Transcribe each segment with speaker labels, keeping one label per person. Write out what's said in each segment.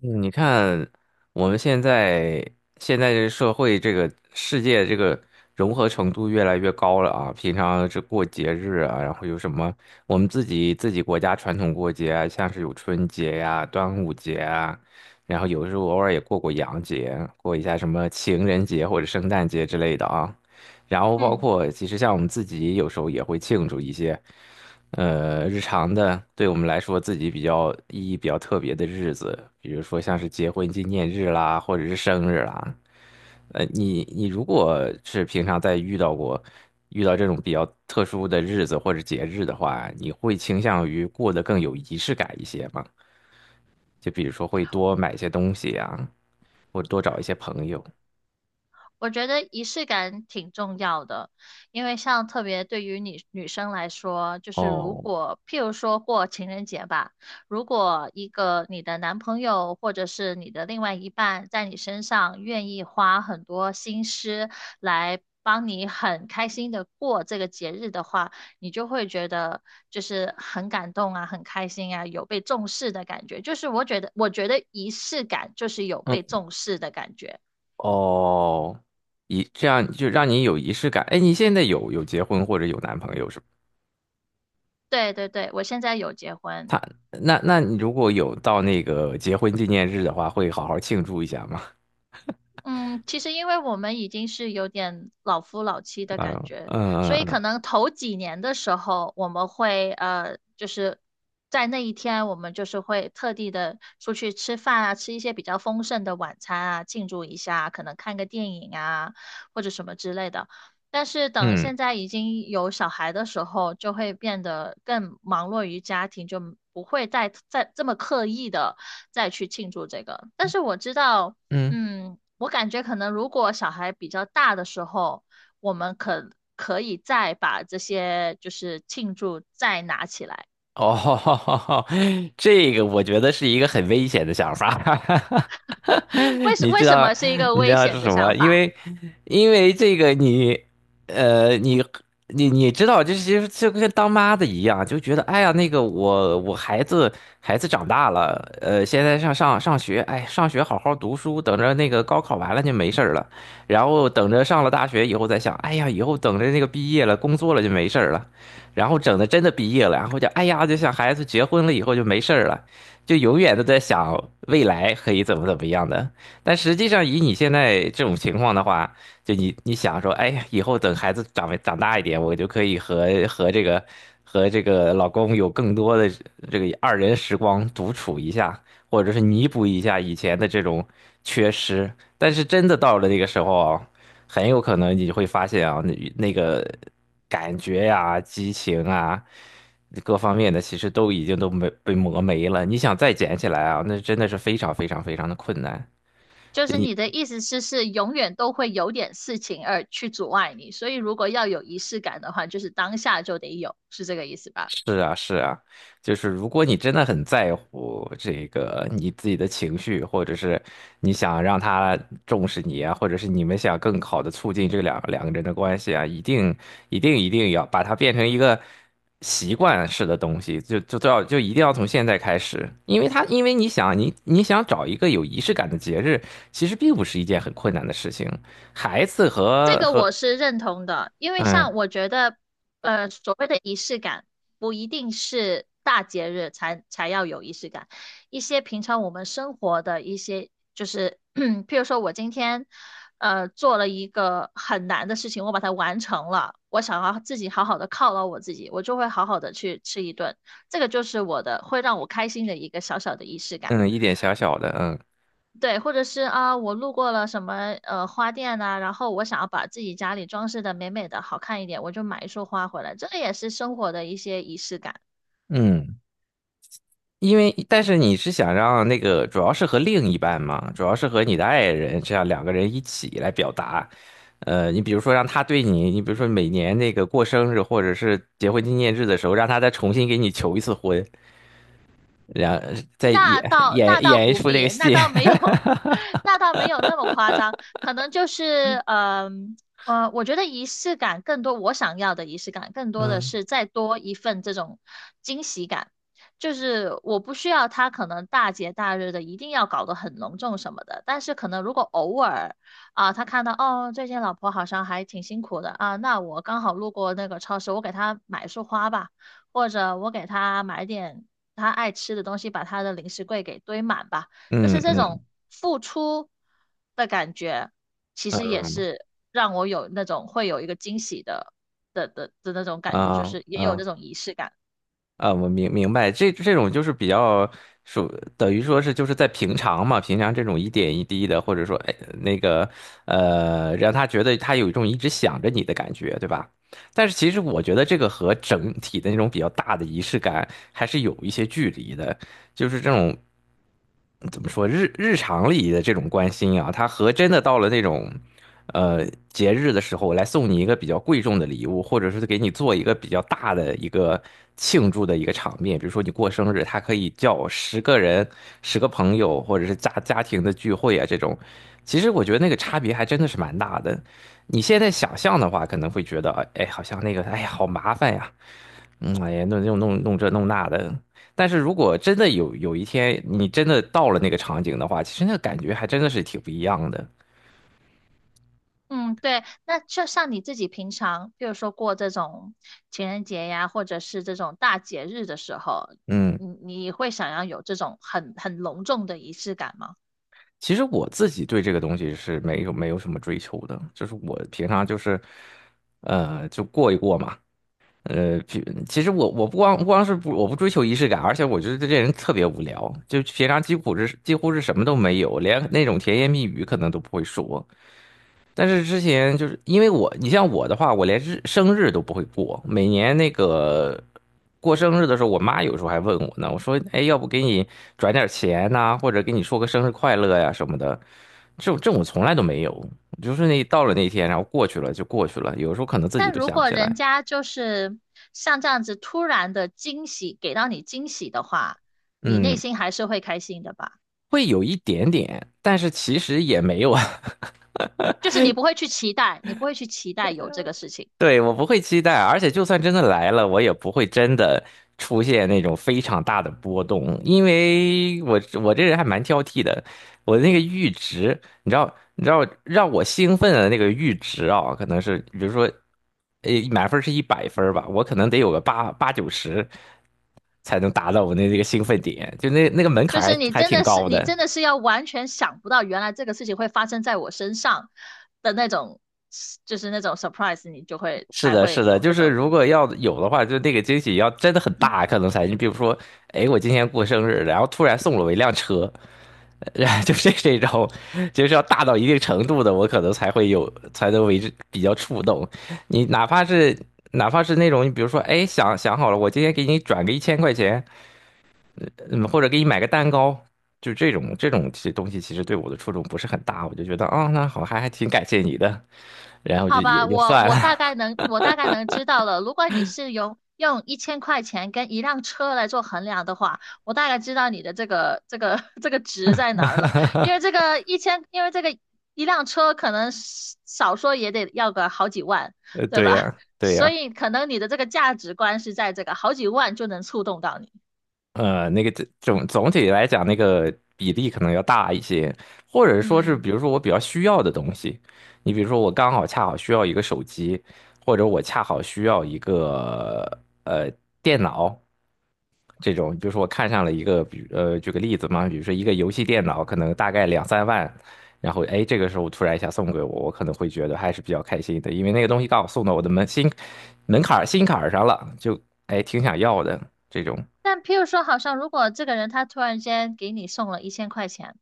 Speaker 1: 你看，我们现在这社会，这个世界这个融合程度越来越高了啊！平常这过节日啊，然后有什么我们自己国家传统过节啊，像是有春节呀、端午节啊，然后有时候偶尔也过过洋节，过一下什么情人节或者圣诞节之类的啊。然后包
Speaker 2: 嗯，
Speaker 1: 括其实像我们自己有时候也会庆祝一些。日常的，对我们来说自己比较意义比较特别的日子，比如说像是结婚纪念日啦，或者是生日啦。你如果是平常在遇到这种比较特殊的日子或者节日的话，你会倾向于过得更有仪式感一些吗？就比如说会多买一些东西啊，或者多找一些朋友。
Speaker 2: 我觉得仪式感挺重要的，因为像特别对于女生来说，就是如
Speaker 1: 哦，
Speaker 2: 果譬如说过情人节吧，如果一个你的男朋友或者是你的另外一半在你身上愿意花很多心思来帮你很开心的过这个节日的话，你就会觉得就是很感动啊，很开心啊，有被重视的感觉。就是我觉得仪式感就是有被
Speaker 1: 嗯，
Speaker 2: 重视的感觉。
Speaker 1: 哦，这样就让你有仪式感。哎，你现在有结婚或者有男朋友是吗？
Speaker 2: 对对对，我现在有结婚。
Speaker 1: 他那你如果有到那个结婚纪念日的话，会好好庆祝一下吗？
Speaker 2: 嗯，其实因为我们已经是有点老夫老妻的感
Speaker 1: 啊、
Speaker 2: 觉，
Speaker 1: 嗯嗯
Speaker 2: 所以
Speaker 1: 嗯
Speaker 2: 可能头几年的时候，我们会就是在那一天，我们就是会特地的出去吃饭啊，吃一些比较丰盛的晚餐啊，庆祝一下，可能看个电影啊，或者什么之类的。但是等
Speaker 1: 嗯
Speaker 2: 现在已经有小孩的时候，就会变得更忙碌于家庭，就不会再这么刻意的再去庆祝这个。但是我知道。
Speaker 1: 嗯。
Speaker 2: 嗯，我感觉可能如果小孩比较大的时候，我们可以再把这些就是庆祝再拿起来。
Speaker 1: 哦，这个我觉得是一个很危险的想法。
Speaker 2: 为 什
Speaker 1: 你
Speaker 2: 为
Speaker 1: 知
Speaker 2: 什
Speaker 1: 道，
Speaker 2: 么是一个
Speaker 1: 你知
Speaker 2: 危
Speaker 1: 道是
Speaker 2: 险的
Speaker 1: 什么？
Speaker 2: 想
Speaker 1: 因
Speaker 2: 法？
Speaker 1: 为，因为这个你，呃，你，你知道，就是就跟当妈的一样，就觉得，哎呀，那个我孩子长大了，现在上学，哎，上学好好读书，等着那个高考完了就没事儿了，然后等着上了大学以后再想，哎呀，以后等着那个毕业了，工作了就没事儿了。然后整的真的毕业了，然后就哎呀，就想孩子结婚了以后就没事儿了，就永远都在想未来可以怎么怎么样的。但实际上，以你现在这种情况的话，就你想说，哎呀，以后等孩子长大一点，我就可以和这个老公有更多的这个二人时光独处一下，或者是弥补一下以前的这种缺失。但是真的到了那个时候啊，很有可能你会发现啊，那个感觉呀、激情啊，各方面的其实都已经都没被磨没了。你想再捡起来啊，那真的是非常非常非常的困难。
Speaker 2: 就
Speaker 1: 就
Speaker 2: 是
Speaker 1: 你。
Speaker 2: 你的意思是永远都会有点事情而去阻碍你，所以如果要有仪式感的话，就是当下就得有，是这个意思吧？
Speaker 1: 是啊，是啊，就是如果你真的很在乎这个你自己的情绪，或者是你想让他重视你啊，或者是你们想更好的促进这两个人的关系啊，一定一定一定要把它变成一个习惯式的东西，就都要就一定要从现在开始，因为你想找一个有仪式感的节日，其实并不是一件很困难的事情，孩子
Speaker 2: 这
Speaker 1: 和
Speaker 2: 个
Speaker 1: 和
Speaker 2: 我是认同的，因为
Speaker 1: 嗯
Speaker 2: 像我觉得，呃，所谓的仪式感不一定是大节日才要有仪式感，一些平常我们生活的一些，就是 譬如说我今天，呃，做了一个很难的事情，我把它完成了，我想要自己好好的犒劳我自己，我就会好好的去吃一顿，这个就是我的，会让我开心的一个小小的仪式感。
Speaker 1: 嗯一点小小的嗯
Speaker 2: 对，或者是啊，我路过了什么花店呐、然后我想要把自己家里装饰的美美的、好看一点，我就买一束花回来，这个也是生活的一些仪式感。
Speaker 1: 嗯。因为但是你是想让那个主要是和另一半嘛，主要是和你的爱人，这样两个人一起来表达。你比如说让他对你，你比如说每年那个过生日或者是结婚纪念日的时候，让他再重新给你求一次婚，然后再演
Speaker 2: 那倒那
Speaker 1: 演
Speaker 2: 倒
Speaker 1: 演一
Speaker 2: 不
Speaker 1: 出这
Speaker 2: 必，
Speaker 1: 个
Speaker 2: 那
Speaker 1: 戏。
Speaker 2: 倒没有。那倒没有那么夸张，可能就是我觉得仪式感更多，我想要的仪式感更多的
Speaker 1: 嗯
Speaker 2: 是再多一份这种惊喜感，就是我不需要他可能大节大日的一定要搞得很隆重什么的，但是可能如果偶尔啊，他看到哦最近老婆好像还挺辛苦的啊，那我刚好路过那个超市，我给他买束花吧。或者我给他买点他爱吃的东西，把他的零食柜给堆满吧。就是
Speaker 1: 嗯
Speaker 2: 这种
Speaker 1: 嗯
Speaker 2: 付出的感觉，其
Speaker 1: 嗯
Speaker 2: 实也
Speaker 1: 嗯
Speaker 2: 是让我有那种会有一个惊喜的那种感觉，就
Speaker 1: 啊
Speaker 2: 是也有
Speaker 1: 啊
Speaker 2: 这种仪式感。
Speaker 1: 啊，我明白，这种就是比较属，等于说是就是在平常嘛，平常这种一点一滴的，或者说哎那个让他觉得他有一种一直想着你的感觉，对吧？但是其实我觉得这个和整体的那种比较大的仪式感还是有一些距离的，就是这种怎么说日常里的这种关心啊，它和真的到了那种节日的时候来送你一个比较贵重的礼物，或者是给你做一个比较大的一个庆祝的一个场面，比如说你过生日，他可以叫10个人、10个朋友，或者是家庭的聚会啊这种，其实我觉得那个差别还真的是蛮大的。你现在想象的话，可能会觉得，哎，哎好像那个，哎呀，好麻烦呀，嗯，哎呀，弄这弄那的。但是如果真的有一天你真的到了那个场景的话，其实那个感觉还真的是挺不一样的。
Speaker 2: 嗯，对，那就像你自己平常，比如说过这种情人节呀，或者是这种大节日的时候，
Speaker 1: 嗯，
Speaker 2: 你会想要有这种很隆重的仪式感吗？
Speaker 1: 其实我自己对这个东西是没有什么追求的，就是我平常就是，就过一过嘛。其实我不光不光是不我不追求仪式感，而且我觉得这人特别无聊，就平常几乎是什么都没有，连那种甜言蜜语可能都不会说。但是之前就是因为我，你像我的话，我连生日都不会过。每年那个过生日的时候，我妈有时候还问我呢，我说：“哎，要不给你转点钱呐、或者给你说个生日快乐呀什么的。”这种从来都没有，就是那到了那天啊，然后过去了就过去了。有时候可能自己
Speaker 2: 但
Speaker 1: 都
Speaker 2: 如
Speaker 1: 想不
Speaker 2: 果
Speaker 1: 起
Speaker 2: 人
Speaker 1: 来，
Speaker 2: 家就是像这样子突然的惊喜，给到你惊喜的话，你
Speaker 1: 嗯，
Speaker 2: 内心还是会开心的吧？
Speaker 1: 会有一点点，但是其实也没有啊。
Speaker 2: 就是你不会去期待，你不会去期待有这个事情，
Speaker 1: 对，我不会期待，而且就算真的来了，我也不会真的出现那种非常大的波动，因为我这人还蛮挑剔的，我那个阈值，你知道，让我兴奋的那个阈值啊，可能是比如说，满分是100分儿吧，我可能得有个八九十才能达到这个兴奋点，就那个门
Speaker 2: 就
Speaker 1: 槛儿
Speaker 2: 是
Speaker 1: 还
Speaker 2: 你
Speaker 1: 还
Speaker 2: 真
Speaker 1: 挺
Speaker 2: 的是
Speaker 1: 高
Speaker 2: 你
Speaker 1: 的。
Speaker 2: 真的是要完全想不到，原来这个事情会发生在我身上的那种，就是那种 surprise,你就会
Speaker 1: 是
Speaker 2: 才
Speaker 1: 的，
Speaker 2: 会
Speaker 1: 是的，
Speaker 2: 有
Speaker 1: 就
Speaker 2: 那
Speaker 1: 是如
Speaker 2: 种。
Speaker 1: 果要有的话，就那个惊喜要真的很大，可能才。你比如说，哎，我今天过生日，然后突然送了我一辆车，然后就是这种，就是要大到一定程度的，我可能才会有，才能为之比较触动。你哪怕是那种，你比如说，哎，想想好了，我今天给你转个一千块钱，嗯，或者给你买个蛋糕，就这种其实东西，其实对我的触动不是很大，我就觉得，哦，那好，还挺感谢你的，然后就
Speaker 2: 好
Speaker 1: 也
Speaker 2: 吧，
Speaker 1: 就
Speaker 2: 我
Speaker 1: 算了。
Speaker 2: 我大概能我大概能知道了。如果你是用一千块钱跟一辆车来做衡量的话，我大概知道你的这个 这个值在哪儿了。因为这个一千，因为这个一辆车可能是少说也得要个好几万，对
Speaker 1: 对
Speaker 2: 吧？
Speaker 1: 呀，对
Speaker 2: 所
Speaker 1: 呀，
Speaker 2: 以可能你的这个价值观是在这个好几万就能触动到你。
Speaker 1: 那个总体来讲，那个比例可能要大一些，或者说是，比
Speaker 2: 嗯，
Speaker 1: 如说我比较需要的东西，你比如说我恰好需要一个手机，或者我恰好需要一个呃电脑这种，比如说我看上了一个，比如举个例子嘛，比如说一个游戏电脑，可能大概两三万，然后哎这个时候突然一下送给我，我可能会觉得还是比较开心的，因为那个东西刚好送到我的门心门槛儿心坎儿上了，就哎挺想要的这种。
Speaker 2: 但譬如说，好像如果这个人他突然间给你送了一千块钱，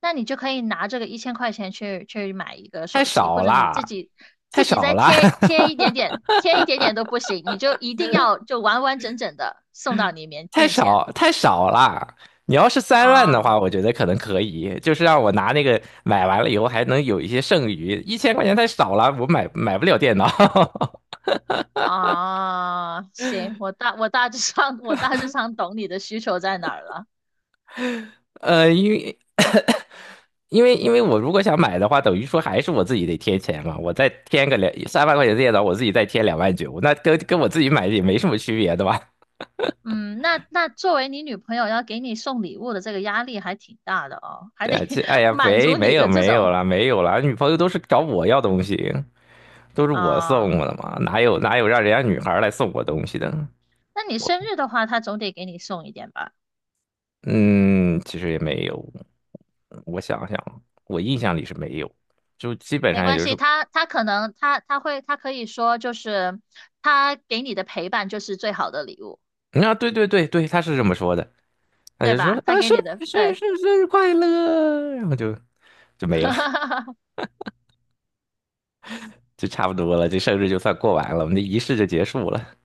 Speaker 2: 那你就可以拿这个一千块钱去买一个手
Speaker 1: 太
Speaker 2: 机，
Speaker 1: 少
Speaker 2: 或者你自
Speaker 1: 啦，
Speaker 2: 己
Speaker 1: 太
Speaker 2: 自己
Speaker 1: 少
Speaker 2: 再
Speaker 1: 啦，
Speaker 2: 贴一点点，贴一点点都不行，你就一定要就完完整整的送到你面
Speaker 1: 太
Speaker 2: 面前。
Speaker 1: 少太少啦。你要是三万的
Speaker 2: 啊
Speaker 1: 话，我觉得可能可以，就是让我拿那个买完了以后还能有一些剩余。一千块钱太少了，我买不了电脑。
Speaker 2: 啊，行，我大致上 我大致上懂你的需求在哪儿了。
Speaker 1: 呃，因为因为我如果想买的话，等于说还是我自己得贴钱嘛，我再添个2、3万块钱的电脑，我自己再贴2万9，那跟我自己买也没什么区别，对吧？
Speaker 2: 嗯，那作为你女朋友要给你送礼物的这个压力还挺大的哦，还
Speaker 1: 对
Speaker 2: 得
Speaker 1: 啊，这 哎呀，
Speaker 2: 满足你的这
Speaker 1: 没有
Speaker 2: 种。
Speaker 1: 了，没有了，女朋友都是找我要东西。都是我
Speaker 2: 啊、
Speaker 1: 送我的嘛，哪有让人家女孩儿来送我东西的？
Speaker 2: 那你生日的话，他总得给你送一点吧？
Speaker 1: 嗯，其实也没有。我想想，我印象里是没有，就基本
Speaker 2: 没
Speaker 1: 上也
Speaker 2: 关
Speaker 1: 就是，
Speaker 2: 系，他可以说就是他给你的陪伴就是最好的礼物，
Speaker 1: 啊，对对对对，他是这么说的，他
Speaker 2: 对
Speaker 1: 就说
Speaker 2: 吧？他
Speaker 1: 啊，
Speaker 2: 给
Speaker 1: 生
Speaker 2: 你的
Speaker 1: 日生日
Speaker 2: 对。
Speaker 1: 生日生日快乐，然后就没了，就差不多了，这生日就算过完了，我们的仪式就结束了。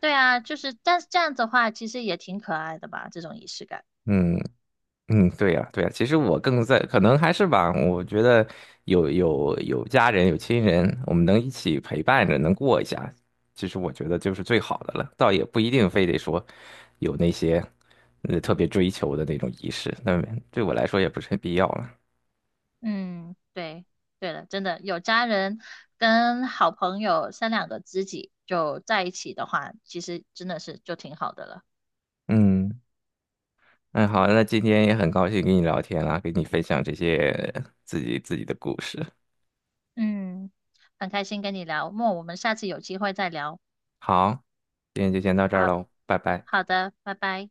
Speaker 2: 对啊，就是但是这样子的话，其实也挺可爱的吧，这种仪式感。
Speaker 1: 嗯，嗯，对呀，对呀，其实我更在，可能还是吧，我觉得有家人有亲人，我们能一起陪伴着，能过一下，其实我觉得就是最好的了，倒也不一定非得说有那些特别追求的那种仪式，那对我来说也不是很必要了。
Speaker 2: 嗯，对，对了，真的有家人跟好朋友三两个知己就在一起的话，其实真的是就挺好的了。
Speaker 1: 嗯，那好，那今天也很高兴跟你聊天啦，跟你分享这些自己的故事。
Speaker 2: 嗯，很开心跟你聊，我们下次有机会再聊。
Speaker 1: 好，今天就先到这儿
Speaker 2: 好。
Speaker 1: 喽，拜拜。
Speaker 2: 好的，拜拜。